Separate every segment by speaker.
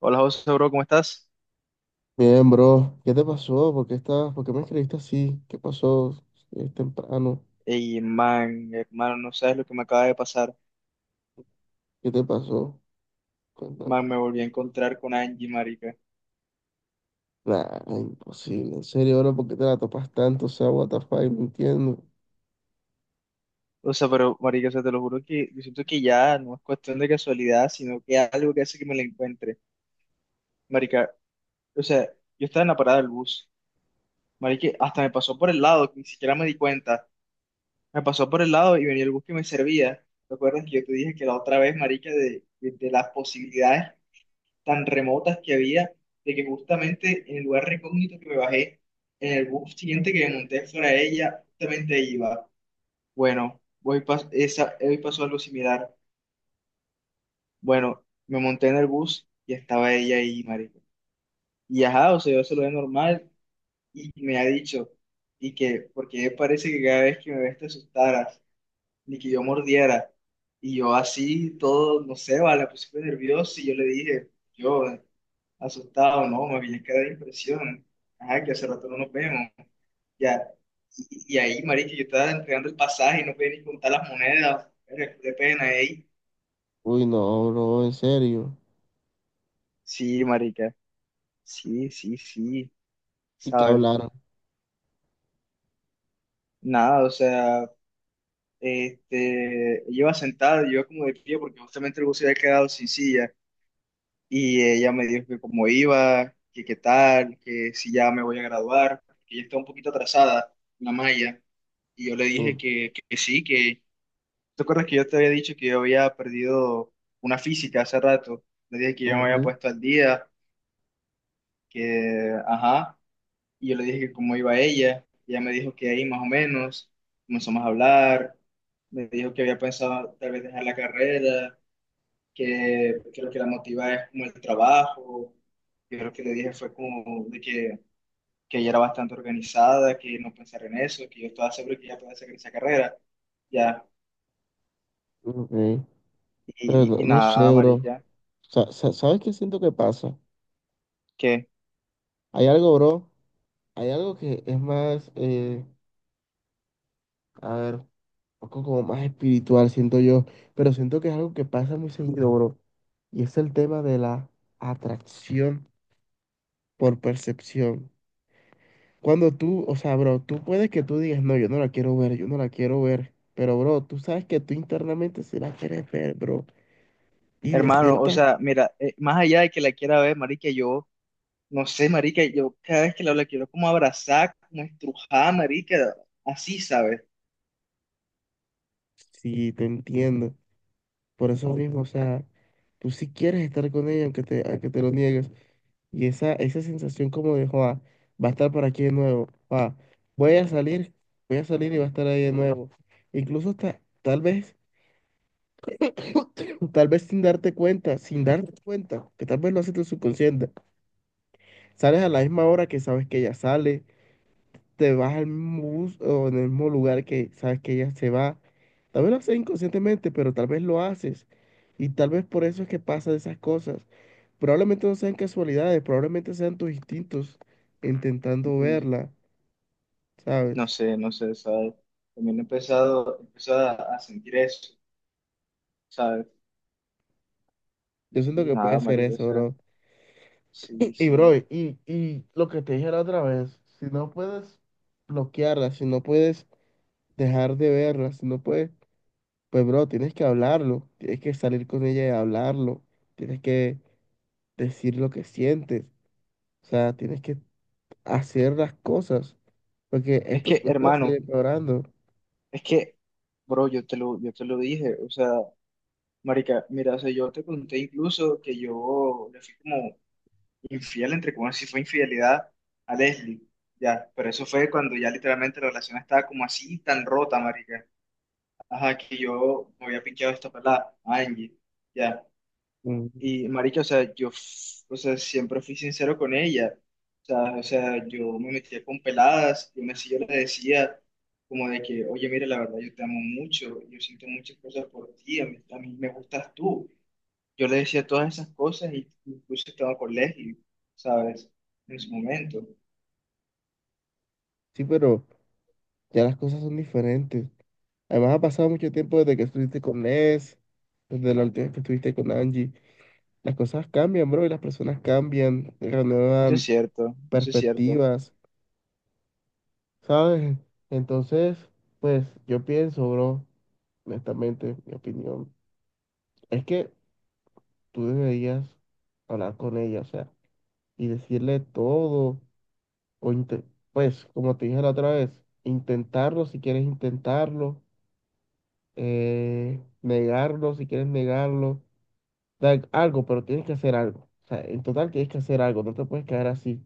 Speaker 1: Hola José, bro, ¿cómo estás?
Speaker 2: Bien, bro, ¿qué te pasó? ¿Por qué estás? ¿Por qué me escribiste así? ¿Qué pasó? Es temprano.
Speaker 1: Ey, man, hermano, no sabes lo que me acaba de pasar.
Speaker 2: ¿Qué te pasó? Cuéntame.
Speaker 1: Man, me volví a encontrar con Angie, marica.
Speaker 2: Nah, imposible. En serio, bro, ¿por qué te la topas tanto? O sea, what the fuck, no entiendo.
Speaker 1: O sea, pero, marica, o sea, te lo juro que yo siento que ya no es cuestión de casualidad, sino que algo que hace que me la encuentre. Marica, o sea, yo estaba en la parada del bus. Marica, hasta me pasó por el lado, que ni siquiera me di cuenta. Me pasó por el lado y venía el bus que me servía. ¿Te acuerdas que yo te dije que la otra vez, marica, de las posibilidades tan remotas que había, de que justamente en el lugar recógnito que me bajé, en el bus siguiente que me monté fuera de ella, justamente ahí iba? Bueno, hoy, hoy pasó algo similar. Bueno, me monté en el bus y estaba ella ahí, marico. Y ajá, o sea, yo se lo veo normal y me ha dicho, y que, porque parece que cada vez que me ves te asustaras, ni que yo mordiera. Y yo así, todo, no sé, vale, puse nervioso y yo le dije, yo, asustado, ¿no? Me había quedado de impresión. Ajá, que hace rato no nos vemos. Ya. Y ahí, marica, yo estaba entregando el pasaje y no podía ni contar las monedas. Era de pena ahí.
Speaker 2: Uy, no, bro, en serio.
Speaker 1: Sí, marica. Sí, sí, sí.
Speaker 2: ¿Y qué
Speaker 1: ¿Sabes?
Speaker 2: hablaron?
Speaker 1: Nada, o sea, este, yo iba sentado, yo iba como de pie porque justamente el bus se había quedado sin silla. Y ella me dijo que cómo iba, que qué tal, que si ya me voy a graduar, que ella está un poquito atrasada, la malla. Y yo le dije
Speaker 2: Mm,
Speaker 1: que sí, que ¿te acuerdas que yo te había dicho que yo había perdido una física hace rato? Le dije que yo me había
Speaker 2: ujú,
Speaker 1: puesto al día, que, ajá, y yo le dije que cómo iba ella, y ella me dijo que ahí más o menos, comenzamos a hablar, me dijo que había pensado tal vez dejar la carrera, que lo que la motiva es como el trabajo, yo lo que le dije fue como de que ella era bastante organizada, que no pensara en eso, que yo estaba seguro que ella podía hacer esa carrera, ya,
Speaker 2: ok. Pero
Speaker 1: y, y,
Speaker 2: no,
Speaker 1: y
Speaker 2: no
Speaker 1: nada,
Speaker 2: sé, bro.
Speaker 1: amarilla,
Speaker 2: ¿Sabes qué siento que pasa?
Speaker 1: ¿qué?
Speaker 2: Hay algo, bro. Hay algo que es más, a ver. Poco como más espiritual, siento yo, pero siento que es algo que pasa muy seguido, bro, y es el tema de la atracción por percepción. Cuando tú, o sea, bro, tú puedes que tú digas, no, yo no la quiero ver, yo no la quiero ver, pero, bro, tú sabes que tú internamente sí la quieres ver, bro, y de
Speaker 1: Hermano, o
Speaker 2: ciertas
Speaker 1: sea, mira, más allá de que la quiera ver, marica, yo, no sé, marica, yo cada vez que la hablo la quiero como abrazar, como estrujar, marica, así, ¿sabes?
Speaker 2: sí, te entiendo, por eso mismo, o sea, tú sí quieres estar con ella, aunque te lo niegues. Y esa sensación como de, joa, va a estar por aquí de nuevo, joa, voy a salir, voy a salir y va a estar ahí de nuevo. Incluso hasta, tal vez, tal vez sin darte cuenta, sin darte cuenta, que tal vez lo haces tu subconsciente. Sales a la misma hora que sabes que ella sale, te vas al mismo bus o en el mismo lugar que sabes que ella se va. Tal vez lo haces inconscientemente, pero tal vez lo haces. Y tal vez por eso es que pasan esas cosas. Probablemente no sean casualidades, probablemente sean tus instintos intentando
Speaker 1: Mm.
Speaker 2: verla,
Speaker 1: No
Speaker 2: ¿sabes?
Speaker 1: sé, no sé, ¿sabes? También he empezado a sentir eso, ¿sabes?
Speaker 2: Yo siento
Speaker 1: Y
Speaker 2: que puede
Speaker 1: nada,
Speaker 2: ser
Speaker 1: marica, o
Speaker 2: eso,
Speaker 1: sea,
Speaker 2: bro.
Speaker 1: sí,
Speaker 2: Y, y, bro,
Speaker 1: sí.
Speaker 2: y, y lo que te dije la otra vez, si no puedes bloquearla, si no puedes dejar de verla, si no puedes, pues, bro, tienes que hablarlo, tienes que salir con ella y hablarlo, tienes que decir lo que sientes, o sea, tienes que hacer las cosas, porque
Speaker 1: Es
Speaker 2: esto,
Speaker 1: que,
Speaker 2: esto va a seguir
Speaker 1: hermano,
Speaker 2: empeorando.
Speaker 1: es que, bro, yo te lo dije, o sea, marica, mira, o sea, yo te conté incluso que yo le fui como infiel, entre comillas, sí fue infidelidad a Leslie. Ya, pero eso fue cuando ya literalmente la relación estaba como así, tan rota, marica. Ajá, que yo me había pinchado esta pelada, Angie. Ya.
Speaker 2: Mm,
Speaker 1: Y, marica, o sea, yo, o sea, siempre fui sincero con ella. O sea, yo me metía con peladas, yo le decía como de que, oye, mira, la verdad, yo te amo mucho, yo siento muchas cosas por ti, a mí me gustas tú. Yo le decía todas esas cosas y incluso estaba con Leslie, ¿sabes? En su momento.
Speaker 2: sí, pero ya las cosas son diferentes. Además, ha pasado mucho tiempo desde que estuviste con Ness, desde la última vez que estuviste con Angie. Las cosas cambian, bro, y las personas cambian,
Speaker 1: Eso es
Speaker 2: renuevan
Speaker 1: cierto, eso es cierto.
Speaker 2: perspectivas, ¿sabes? Entonces, pues yo pienso, bro, honestamente, mi opinión, es que tú deberías hablar con ella, o sea, y decirle todo, o inte- pues, como te dije la otra vez, intentarlo si quieres intentarlo, negarlo si quieres negarlo algo, pero tienes que hacer algo. O sea, en total tienes que hacer algo, no te puedes quedar así.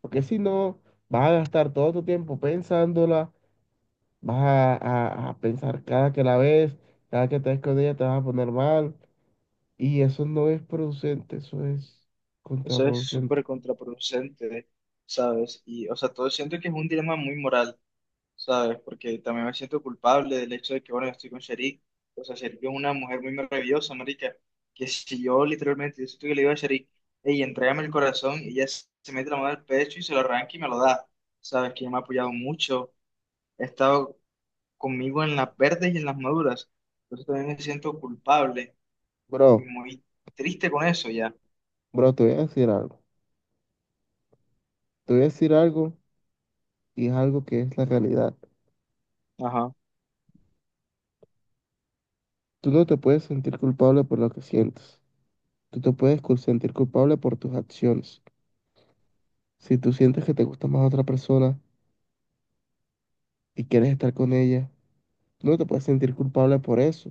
Speaker 2: Porque si no, vas a gastar todo tu tiempo pensándola, vas a, a pensar cada que la ves, cada que te ves con ella te vas a poner mal. Y eso no es producente, eso es
Speaker 1: Eso es
Speaker 2: contraproducente.
Speaker 1: súper contraproducente, ¿sabes? Y, o sea, todo siento que es un dilema muy moral, ¿sabes? Porque también me siento culpable del hecho de que, bueno, yo estoy con Sharik. O sea, Sharik es una mujer muy maravillosa, marica. Que si yo literalmente, yo siento que le digo a Sharik, hey, entrégame el corazón, y ella se mete la mano al pecho y se lo arranca y me lo da, ¿sabes? Que ella me ha apoyado mucho. He estado conmigo en las verdes y en las maduras. Por eso también me siento culpable y
Speaker 2: Bro,
Speaker 1: muy triste con eso ya.
Speaker 2: bro, te voy a decir algo. Te voy a decir algo y es algo que es la realidad.
Speaker 1: Ajá.
Speaker 2: Tú no te puedes sentir culpable por lo que sientes. Tú te puedes sentir culpable por tus acciones. Si tú sientes que te gusta más otra persona, y quieres estar con ella, no te puedes sentir culpable por eso.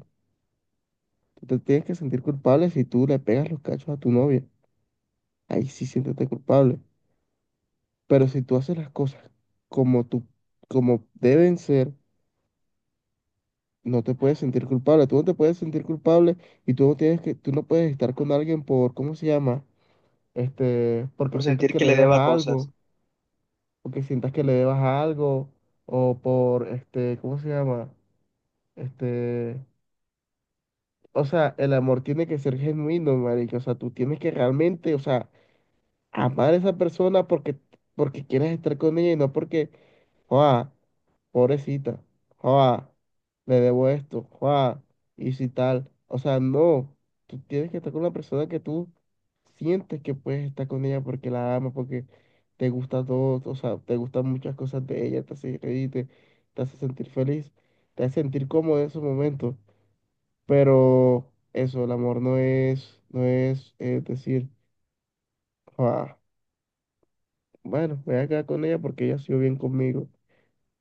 Speaker 2: Tú te tienes que sentir culpable si tú le pegas los cachos a tu novia. Ahí sí siéntete culpable. Pero si tú haces las cosas como tú, como deben ser, no te puedes sentir culpable. Tú no te puedes sentir culpable y tú no tienes que, tú no puedes estar con alguien por, ¿cómo se llama? Este, porque
Speaker 1: Por
Speaker 2: sientas
Speaker 1: sentir
Speaker 2: que
Speaker 1: que
Speaker 2: le
Speaker 1: le
Speaker 2: debas
Speaker 1: deba
Speaker 2: a
Speaker 1: cosas.
Speaker 2: algo, porque sientas que le debas a algo, o por, este, ¿cómo se llama? Este, o sea, el amor tiene que ser genuino, marica. O sea, tú tienes que realmente, o sea, amar a esa persona porque, porque quieres estar con ella y no porque, joa, pobrecita, joa, le debo esto, joa, y si tal. O sea, no. Tú tienes que estar con la persona que tú sientes que puedes estar con ella porque la amas, porque te gusta todo, o sea, te gustan muchas cosas de ella, te hace reír, te hace sentir feliz, te hace sentir cómodo en esos momentos. Pero eso, el amor no es, no es, decir, "Ah, bueno, me voy a quedar con ella porque ella ha sido bien conmigo.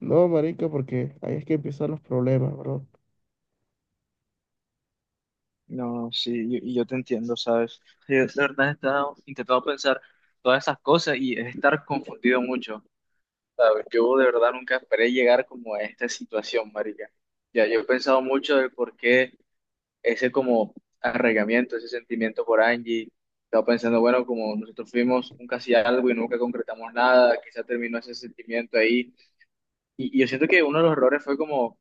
Speaker 2: No, marica, porque ahí es que empiezan los problemas, bro.
Speaker 1: No, sí, y yo te entiendo, ¿sabes? Sí, de verdad he estado intentando pensar todas esas cosas y es estar confundido mucho, ¿sabes? Yo de verdad nunca esperé llegar como a esta situación, marica. Ya, yo he pensado mucho de por qué ese como arraigamiento, ese sentimiento por Angie. Estaba pensando, bueno, como nosotros fuimos un casi algo y nunca concretamos nada, quizá terminó ese sentimiento ahí. Y yo siento que uno de los errores fue como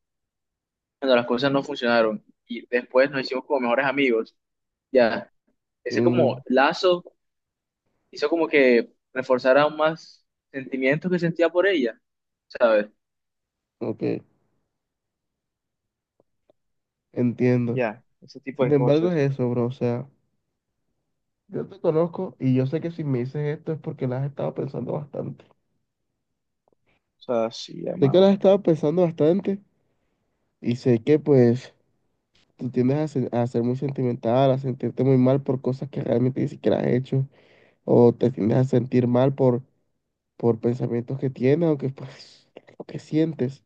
Speaker 1: cuando las cosas no funcionaron y después nos hicimos como mejores amigos. Ya, ese como
Speaker 2: Mm,
Speaker 1: lazo hizo como que reforzara aún más sentimientos que sentía por ella, ¿sabes?
Speaker 2: ok, entiendo.
Speaker 1: Ya, ese tipo
Speaker 2: Sin
Speaker 1: de
Speaker 2: embargo,
Speaker 1: cosas.
Speaker 2: es eso, bro. O sea, yo te conozco y yo sé que si me dices esto es porque la has estado pensando bastante.
Speaker 1: O sea, sí,
Speaker 2: Sé que la
Speaker 1: hermano.
Speaker 2: has estado pensando bastante y sé que pues tú tiendes a ser muy sentimental, a sentirte muy mal por cosas que realmente ni siquiera has hecho, o te tiendes a sentir mal por pensamientos que tienes o que, pues, lo que sientes.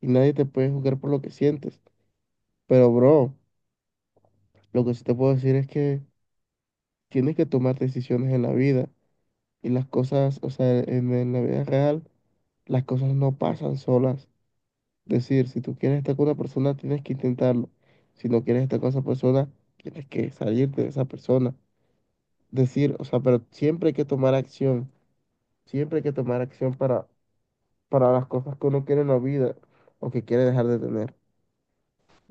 Speaker 2: Y nadie te puede juzgar por lo que sientes. Pero, bro, lo que sí te puedo decir es que tienes que tomar decisiones en la vida. Y las cosas, o sea, en la vida real, las cosas no pasan solas. Es decir, si tú quieres estar con una persona, tienes que intentarlo. Si no quieres estar con esa persona, tienes que salirte de esa persona. Decir, o sea, pero siempre hay que tomar acción. Siempre hay que tomar acción para las cosas que uno quiere en la vida o que quiere dejar de tener.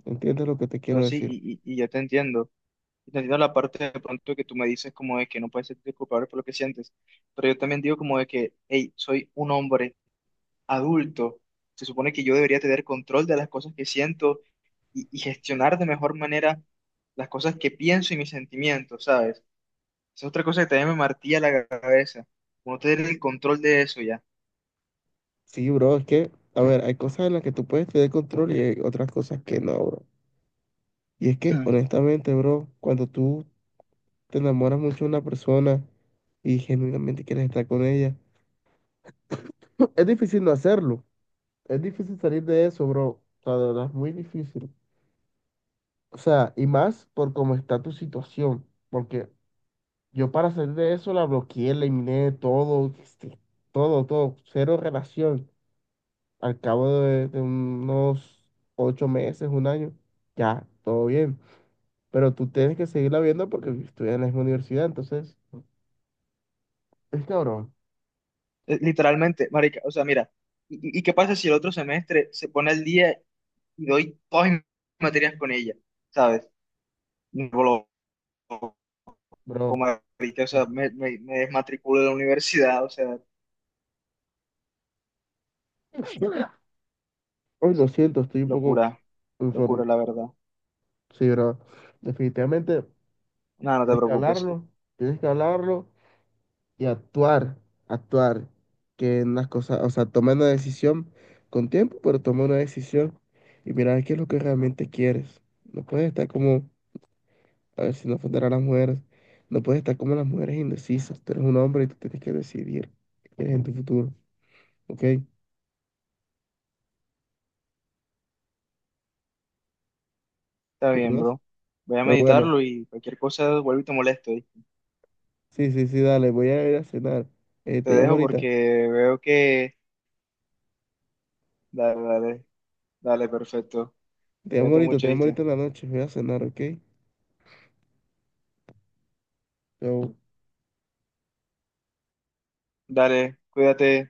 Speaker 2: ¿Entiendes lo que te
Speaker 1: O sea,
Speaker 2: quiero
Speaker 1: sí,
Speaker 2: decir?
Speaker 1: y yo te entiendo. Entendiendo la parte de pronto que tú me dices como de que no puedes sentirte culpable por lo que sientes, pero yo también digo como de que, hey, soy un hombre adulto, se supone que yo debería tener control de las cosas que siento y gestionar de mejor manera las cosas que pienso y mis sentimientos, ¿sabes? Esa es otra cosa que también me martilla la cabeza, como no tener el control de eso ya.
Speaker 2: Sí, bro, es que, a ver, hay cosas en las que tú puedes tener control y hay otras cosas que no, bro. Y es que,
Speaker 1: Hmm.
Speaker 2: honestamente, bro, cuando tú te enamoras mucho de una persona y genuinamente quieres estar con ella, es difícil no hacerlo. Es difícil salir de eso, bro. O sea, de verdad es muy difícil. O sea, y más por cómo está tu situación, porque yo para salir de eso la bloqueé, la eliminé todo, este, todo, todo, cero relación. Al cabo de unos ocho meses, un año, ya, todo bien. Pero tú tienes que seguirla viendo porque estudias en la misma universidad, entonces, es cabrón,
Speaker 1: Literalmente, marica, o sea, mira, ¿y, y qué pasa si el otro semestre se pone al día y doy todas mis materias con ella? ¿Sabes? Me voló. Como
Speaker 2: bro.
Speaker 1: marica, o sea, me desmatriculé de la universidad, o sea,
Speaker 2: Hoy lo siento, estoy un poco
Speaker 1: locura, locura,
Speaker 2: informe.
Speaker 1: la verdad.
Speaker 2: Sí, bro. Definitivamente
Speaker 1: Nada, no te
Speaker 2: tienes que
Speaker 1: preocupes,
Speaker 2: hablarlo, tienes que hablarlo y actuar, actuar, que en las cosas, o sea, toma una decisión con tiempo, pero toma una decisión y mira qué es lo que realmente quieres. No puedes estar como, a ver si no ofender a las mujeres, no puedes estar como las mujeres indecisas. Tú eres un hombre y tú tienes que decidir qué quieres en tu futuro, ¿ok?
Speaker 1: está
Speaker 2: ¿Me
Speaker 1: bien,
Speaker 2: conoces?
Speaker 1: bro. Voy a
Speaker 2: Pero bueno,
Speaker 1: meditarlo y cualquier cosa vuelvo y te molesto. ¿Oíste?
Speaker 2: sí, sí, sí, dale, voy a ir a cenar.
Speaker 1: Te
Speaker 2: Te llamo
Speaker 1: dejo
Speaker 2: ahorita,
Speaker 1: porque veo que... Dale, dale, dale, perfecto.
Speaker 2: te llamo
Speaker 1: Cuídate
Speaker 2: ahorita,
Speaker 1: mucho,
Speaker 2: te llamo
Speaker 1: ¿viste?
Speaker 2: ahorita en la noche, voy a cenar, ¿ok? Chao.
Speaker 1: Dale, cuídate.